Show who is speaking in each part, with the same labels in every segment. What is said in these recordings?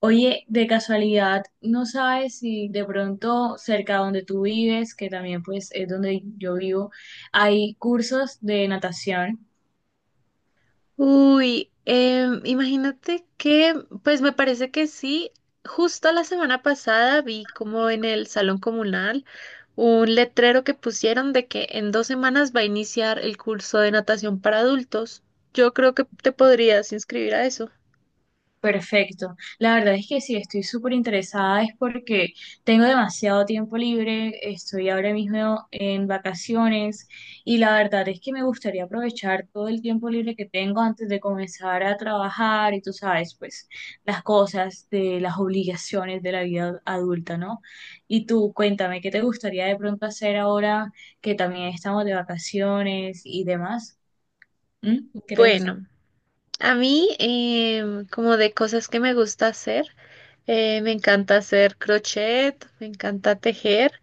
Speaker 1: Oye, de casualidad, ¿no sabes si de pronto cerca donde tú vives, que también pues es donde yo vivo, hay cursos de natación?
Speaker 2: Uy, imagínate que, pues me parece que sí, justo la semana pasada vi como en el salón comunal un letrero que pusieron de que en 2 semanas va a iniciar el curso de natación para adultos. Yo creo que te podrías inscribir a eso.
Speaker 1: Perfecto. La verdad es que sí, estoy súper interesada, es porque tengo demasiado tiempo libre, estoy ahora mismo en vacaciones y la verdad es que me gustaría aprovechar todo el tiempo libre que tengo antes de comenzar a trabajar y tú sabes, pues las cosas de las obligaciones de la vida adulta, ¿no? Y tú, cuéntame, ¿qué te gustaría de pronto hacer ahora que también estamos de vacaciones y demás? ¿Mm? ¿Qué te gustaría?
Speaker 2: Bueno, a mí, como de cosas que me gusta hacer, me encanta hacer crochet, me encanta tejer.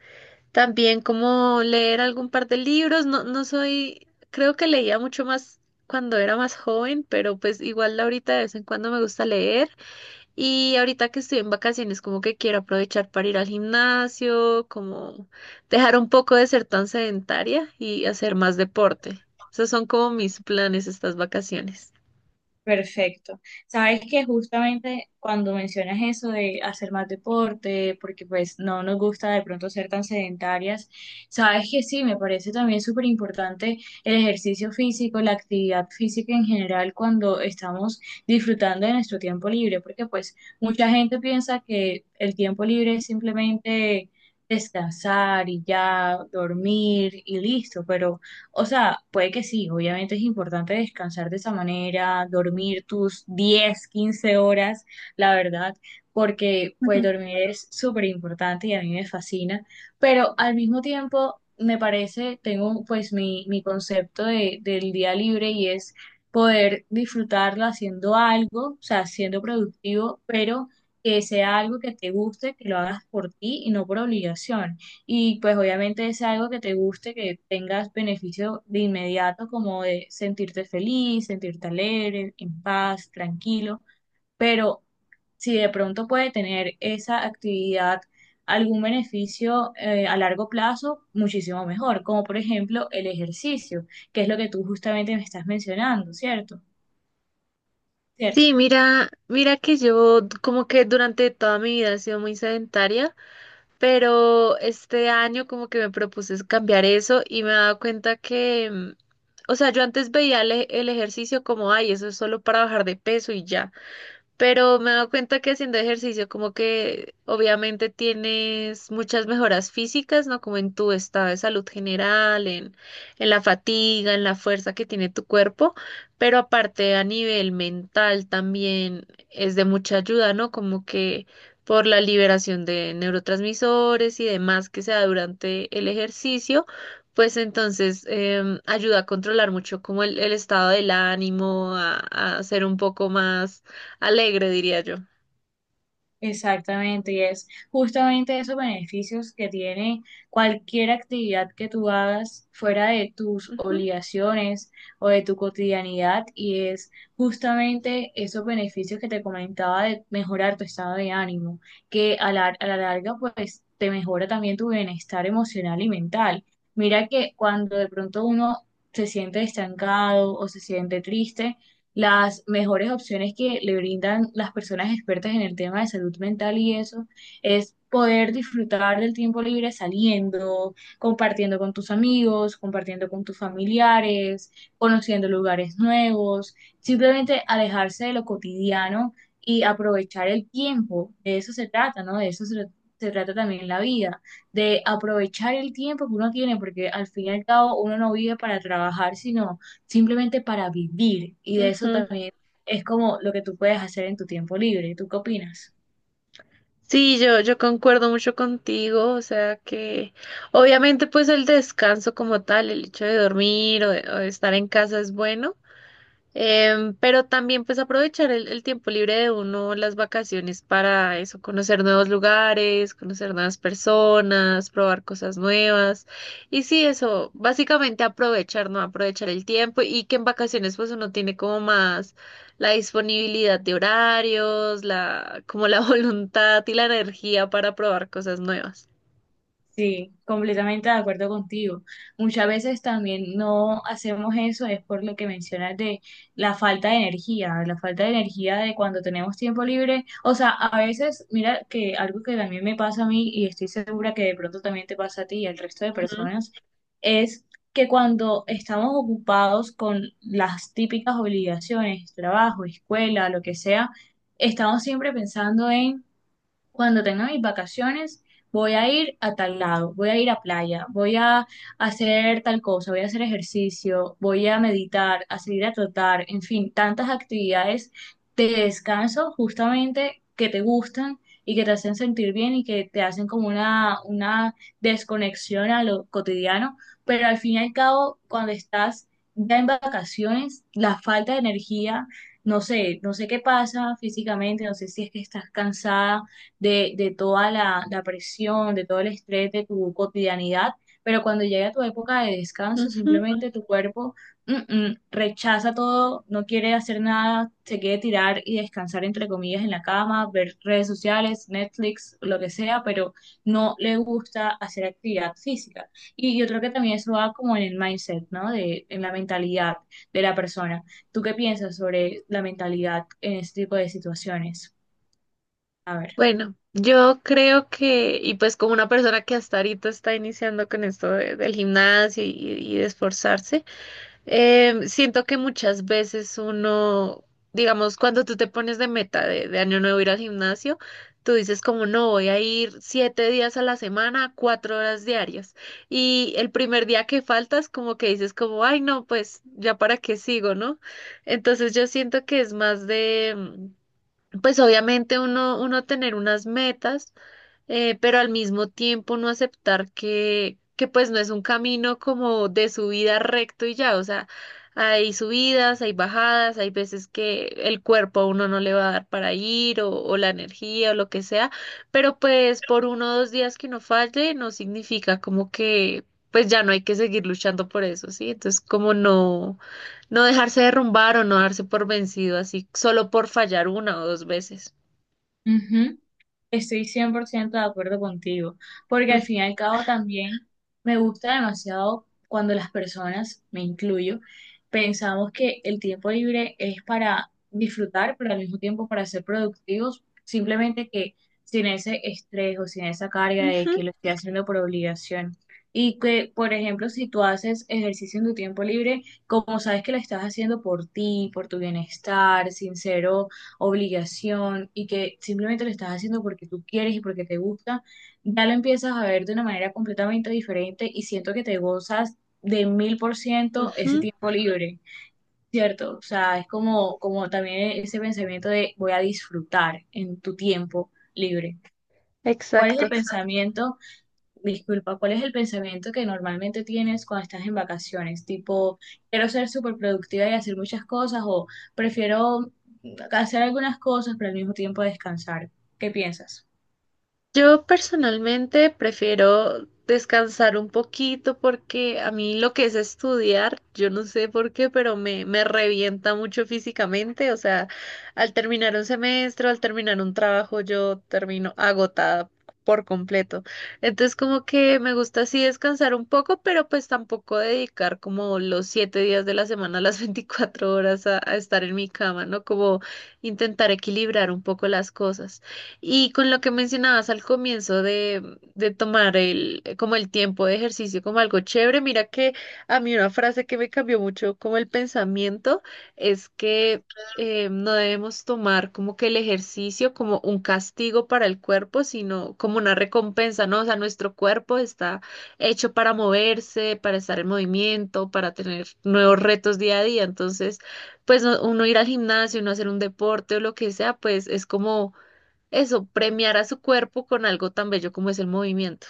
Speaker 2: También como leer algún par de libros, no, no soy, creo que leía mucho más cuando era más joven, pero pues igual ahorita de vez en cuando me gusta leer y ahorita que estoy en vacaciones como que quiero aprovechar para ir al gimnasio, como dejar un poco de ser tan sedentaria y hacer más deporte. Esos son como mis planes estas vacaciones.
Speaker 1: Perfecto. Sabes que justamente cuando mencionas eso de hacer más deporte, porque pues no nos gusta de pronto ser tan sedentarias, sabes que sí, me parece también súper importante el ejercicio físico, la actividad física en general cuando estamos disfrutando de nuestro tiempo libre, porque pues mucha gente piensa que el tiempo libre es simplemente descansar y ya dormir y listo, pero o sea, puede que sí, obviamente es importante descansar de esa manera, dormir tus 10, 15 horas, la verdad, porque pues
Speaker 2: Ujú.
Speaker 1: dormir es súper importante y a mí me fascina, pero al mismo tiempo me parece, tengo pues mi concepto de, del día libre y es poder disfrutarlo haciendo algo, o sea, siendo productivo, pero que sea algo que te guste, que lo hagas por ti y no por obligación. Y pues obviamente es algo que te guste, que tengas beneficio de inmediato, como de sentirte feliz, sentirte alegre, en paz, tranquilo. Pero si de pronto puede tener esa actividad algún beneficio a largo plazo, muchísimo mejor, como por ejemplo el ejercicio, que es lo que tú justamente me estás mencionando, ¿cierto? ¿Cierto?
Speaker 2: Sí, mira, mira que yo como que durante toda mi vida he sido muy sedentaria. Pero este año como que me propuse cambiar eso y me he dado cuenta que, o sea, yo antes veía el ejercicio como, ay, eso es solo para bajar de peso y ya. Pero me he dado cuenta que haciendo ejercicio como que obviamente tienes muchas mejoras físicas, ¿no? Como en tu estado de salud general, en la fatiga, en la fuerza que tiene tu cuerpo, pero aparte a nivel mental también es de mucha ayuda, ¿no? Como que por la liberación de neurotransmisores y demás que se da durante el ejercicio, pues entonces ayuda a controlar mucho como el estado del ánimo, a ser un poco más alegre, diría yo.
Speaker 1: Exactamente, y es justamente esos beneficios que tiene cualquier actividad que tú hagas fuera de tus
Speaker 2: Ujú,
Speaker 1: obligaciones o de tu cotidianidad, y es justamente esos beneficios que te comentaba de mejorar tu estado de ánimo, que a la larga pues te mejora también tu bienestar emocional y mental. Mira que cuando de pronto uno se siente estancado o se siente triste, las mejores opciones que le brindan las personas expertas en el tema de salud mental y eso es poder disfrutar del tiempo libre saliendo, compartiendo con tus amigos, compartiendo con tus familiares, conociendo lugares nuevos, simplemente alejarse de lo cotidiano y aprovechar el tiempo. De eso se trata, ¿no? De eso se trata también la vida, de aprovechar el tiempo que uno tiene, porque al fin y al cabo uno no vive para trabajar, sino simplemente para vivir. Y de eso
Speaker 2: ujú.
Speaker 1: también es como lo que tú puedes hacer en tu tiempo libre. ¿Tú qué opinas?
Speaker 2: Sí, yo concuerdo mucho contigo, o sea que obviamente pues el descanso como tal, el hecho de dormir o de estar en casa es bueno. Pero también pues aprovechar el tiempo libre de uno, las vacaciones para eso, conocer nuevos lugares, conocer nuevas personas, probar cosas nuevas. Y sí, eso, básicamente aprovechar, ¿no? Aprovechar el tiempo y que en vacaciones pues uno tiene como más la disponibilidad de horarios, la, como la voluntad y la energía para probar cosas nuevas.
Speaker 1: Sí, completamente de acuerdo contigo. Muchas veces también no hacemos eso, es por lo que mencionas de la falta de energía, la falta de energía de cuando tenemos tiempo libre. O sea, a veces, mira que algo que también me pasa a mí y estoy segura que de pronto también te pasa a ti y al resto de
Speaker 2: Ujú,
Speaker 1: personas, es que cuando estamos ocupados con las típicas obligaciones, trabajo, escuela, lo que sea, estamos siempre pensando en cuando tenga mis vacaciones, voy a ir a tal lado, voy a ir a playa, voy a hacer tal cosa, voy a hacer ejercicio, voy a meditar, a salir a trotar, en fin, tantas actividades de descanso justamente que te gustan y que te hacen sentir bien y que te hacen como una desconexión a lo cotidiano, pero al fin y al cabo, cuando estás ya en vacaciones, la falta de energía. No sé, no sé qué pasa físicamente, no sé si es que estás cansada, de toda la presión, de todo el estrés de tu cotidianidad, pero cuando llega tu época de descanso,
Speaker 2: ujú.
Speaker 1: simplemente tu cuerpo rechaza todo, no quiere hacer nada, se quiere tirar y descansar, entre comillas, en la cama, ver redes sociales, Netflix, lo que sea, pero no le gusta hacer actividad física. Y yo creo que también eso va como en el mindset, ¿no? En la mentalidad de la persona. ¿Tú qué piensas sobre la mentalidad en este tipo de situaciones? A ver.
Speaker 2: Bueno, yo creo que, y pues como una persona que hasta ahorita está iniciando con esto de- del gimnasio y de esforzarse, siento que muchas veces uno, digamos, cuando tú te pones de meta de año nuevo ir al gimnasio, tú dices como no, voy a ir 7 días a la semana, 4 horas diarias. Y el primer día que faltas, como que dices como, ay no, pues ya para qué sigo, ¿no? Entonces yo siento que es más de pues obviamente uno, uno tener unas metas, pero al mismo tiempo no aceptar que pues no es un camino como de subida recto y ya, o sea, hay subidas, hay bajadas, hay veces que el cuerpo a uno no le va a dar para ir o la energía o lo que sea, pero pues por uno o dos días que uno falle no significa como que pues ya no hay que seguir luchando por eso, ¿sí? Entonces como no, no dejarse derrumbar o no darse por vencido así solo por fallar una o dos veces.
Speaker 1: Estoy 100% de acuerdo contigo, porque al fin y al cabo también me gusta demasiado cuando las personas, me incluyo, pensamos que el tiempo libre es para disfrutar, pero al mismo tiempo para ser productivos, simplemente que sin ese estrés o sin esa carga de
Speaker 2: Ujú,
Speaker 1: que lo estoy haciendo por obligación. Y que, por ejemplo, si tú haces ejercicio en tu tiempo libre, como sabes que lo estás haciendo por ti, por tu bienestar, sincero obligación y que simplemente lo estás haciendo porque tú quieres y porque te gusta, ya lo empiezas a ver de una manera completamente diferente y siento que te gozas de 1000% ese
Speaker 2: ujú,
Speaker 1: tiempo libre, ¿cierto? O sea, es como, también ese pensamiento de voy a disfrutar en tu tiempo libre. ¿Cuál es el
Speaker 2: exacto.
Speaker 1: pensamiento Disculpa, ¿cuál es el pensamiento que normalmente tienes cuando estás en vacaciones? Tipo, quiero ser súper productiva y hacer muchas cosas o prefiero hacer algunas cosas pero al mismo tiempo descansar. ¿Qué piensas?
Speaker 2: Yo personalmente prefiero descansar un poquito porque a mí lo que es estudiar, yo no sé por qué, pero me revienta mucho físicamente. O sea, al terminar un semestre, al terminar un trabajo, yo termino agotada por completo. Entonces, como que me gusta así descansar un poco, pero pues tampoco dedicar como los 7 días de la semana, las 24 horas a estar en mi cama, ¿no? Como intentar equilibrar un poco las cosas. Y con lo que mencionabas al comienzo de tomar como el tiempo de ejercicio como algo chévere, mira que a mí una frase que me cambió mucho como el pensamiento es que no debemos tomar como que el ejercicio como un castigo para el cuerpo, sino como una recompensa, ¿no? O sea, nuestro cuerpo está hecho para moverse, para estar en movimiento, para tener nuevos retos día a día. Entonces, pues no- uno ir al gimnasio, uno hacer un deporte o lo que sea, pues es como eso, premiar a su cuerpo con algo tan bello como es el movimiento.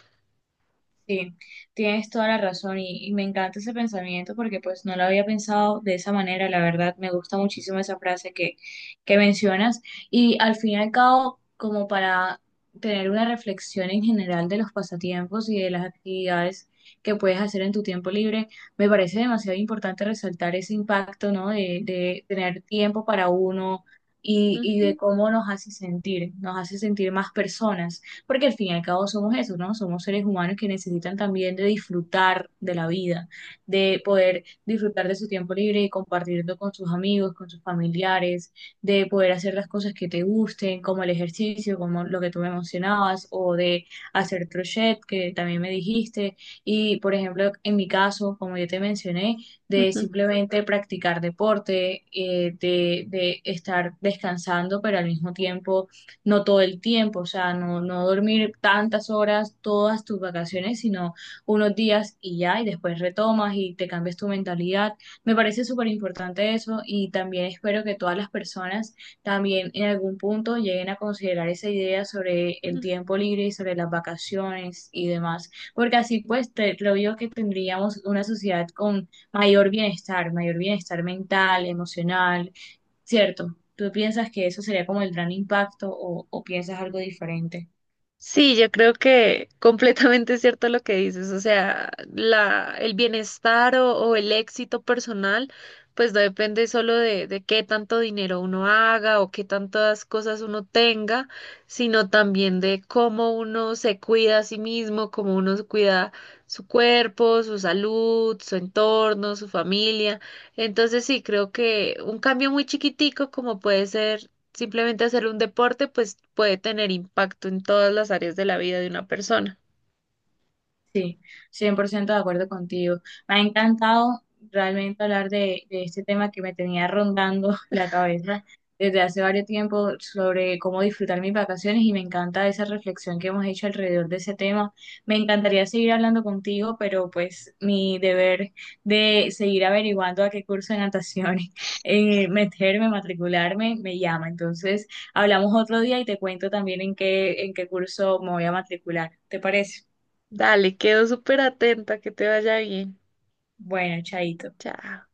Speaker 1: Sí, tienes toda la razón y me encanta ese pensamiento porque pues no lo había pensado de esa manera, la verdad, me gusta muchísimo esa frase que mencionas y al fin y al cabo, como para tener una reflexión en general de los pasatiempos y de las actividades que puedes hacer en tu tiempo libre, me parece demasiado importante resaltar ese impacto, ¿no? De tener tiempo para uno y de
Speaker 2: Ujú,
Speaker 1: cómo nos hace sentir más personas porque al fin y al cabo somos eso, ¿no? Somos seres humanos que necesitan también de disfrutar de la vida, de poder disfrutar de su tiempo libre y compartirlo con sus amigos, con sus familiares, de poder hacer las cosas que te gusten, como el ejercicio, como lo que tú me mencionabas, o de hacer crochet, que también me dijiste, y por ejemplo, en mi caso, como yo te mencioné, de
Speaker 2: ujú,
Speaker 1: simplemente practicar deporte, de estar descansando, pero al mismo tiempo no todo el tiempo, o sea, no, no dormir tantas horas todas tus vacaciones, sino unos días y ya, y después retomas y te cambias tu mentalidad. Me parece súper importante eso y también espero que todas las personas también en algún punto lleguen a considerar esa idea sobre el
Speaker 2: ujú.
Speaker 1: tiempo libre y sobre las vacaciones y demás, porque así pues creo yo que tendríamos una sociedad con mayor bienestar mental, emocional, ¿cierto? ¿Tú piensas que eso sería como el gran impacto o piensas algo diferente?
Speaker 2: Sí, yo creo que completamente es cierto lo que dices, o sea, el bienestar o el éxito personal, pues no depende solo de qué tanto dinero uno haga o qué tantas cosas uno tenga, sino también de cómo uno se cuida a sí mismo, cómo uno cuida su cuerpo, su salud, su entorno, su familia. Entonces sí, creo que un cambio muy chiquitico como puede ser simplemente hacer un deporte pues puede tener impacto en todas las áreas de la vida de una persona.
Speaker 1: Sí, 100% de acuerdo contigo. Me ha encantado realmente hablar de este tema que me tenía rondando la cabeza desde hace varios tiempo sobre cómo disfrutar mis vacaciones y me encanta esa reflexión que hemos hecho alrededor de ese tema. Me encantaría seguir hablando contigo, pero pues mi deber de seguir averiguando a qué curso de natación en meterme, matricularme, me llama. Entonces, hablamos otro día y te cuento también en qué curso me voy a matricular. ¿Te parece?
Speaker 2: Dale, quedo súper atenta, que te vaya bien.
Speaker 1: Bueno, chaito.
Speaker 2: Chao.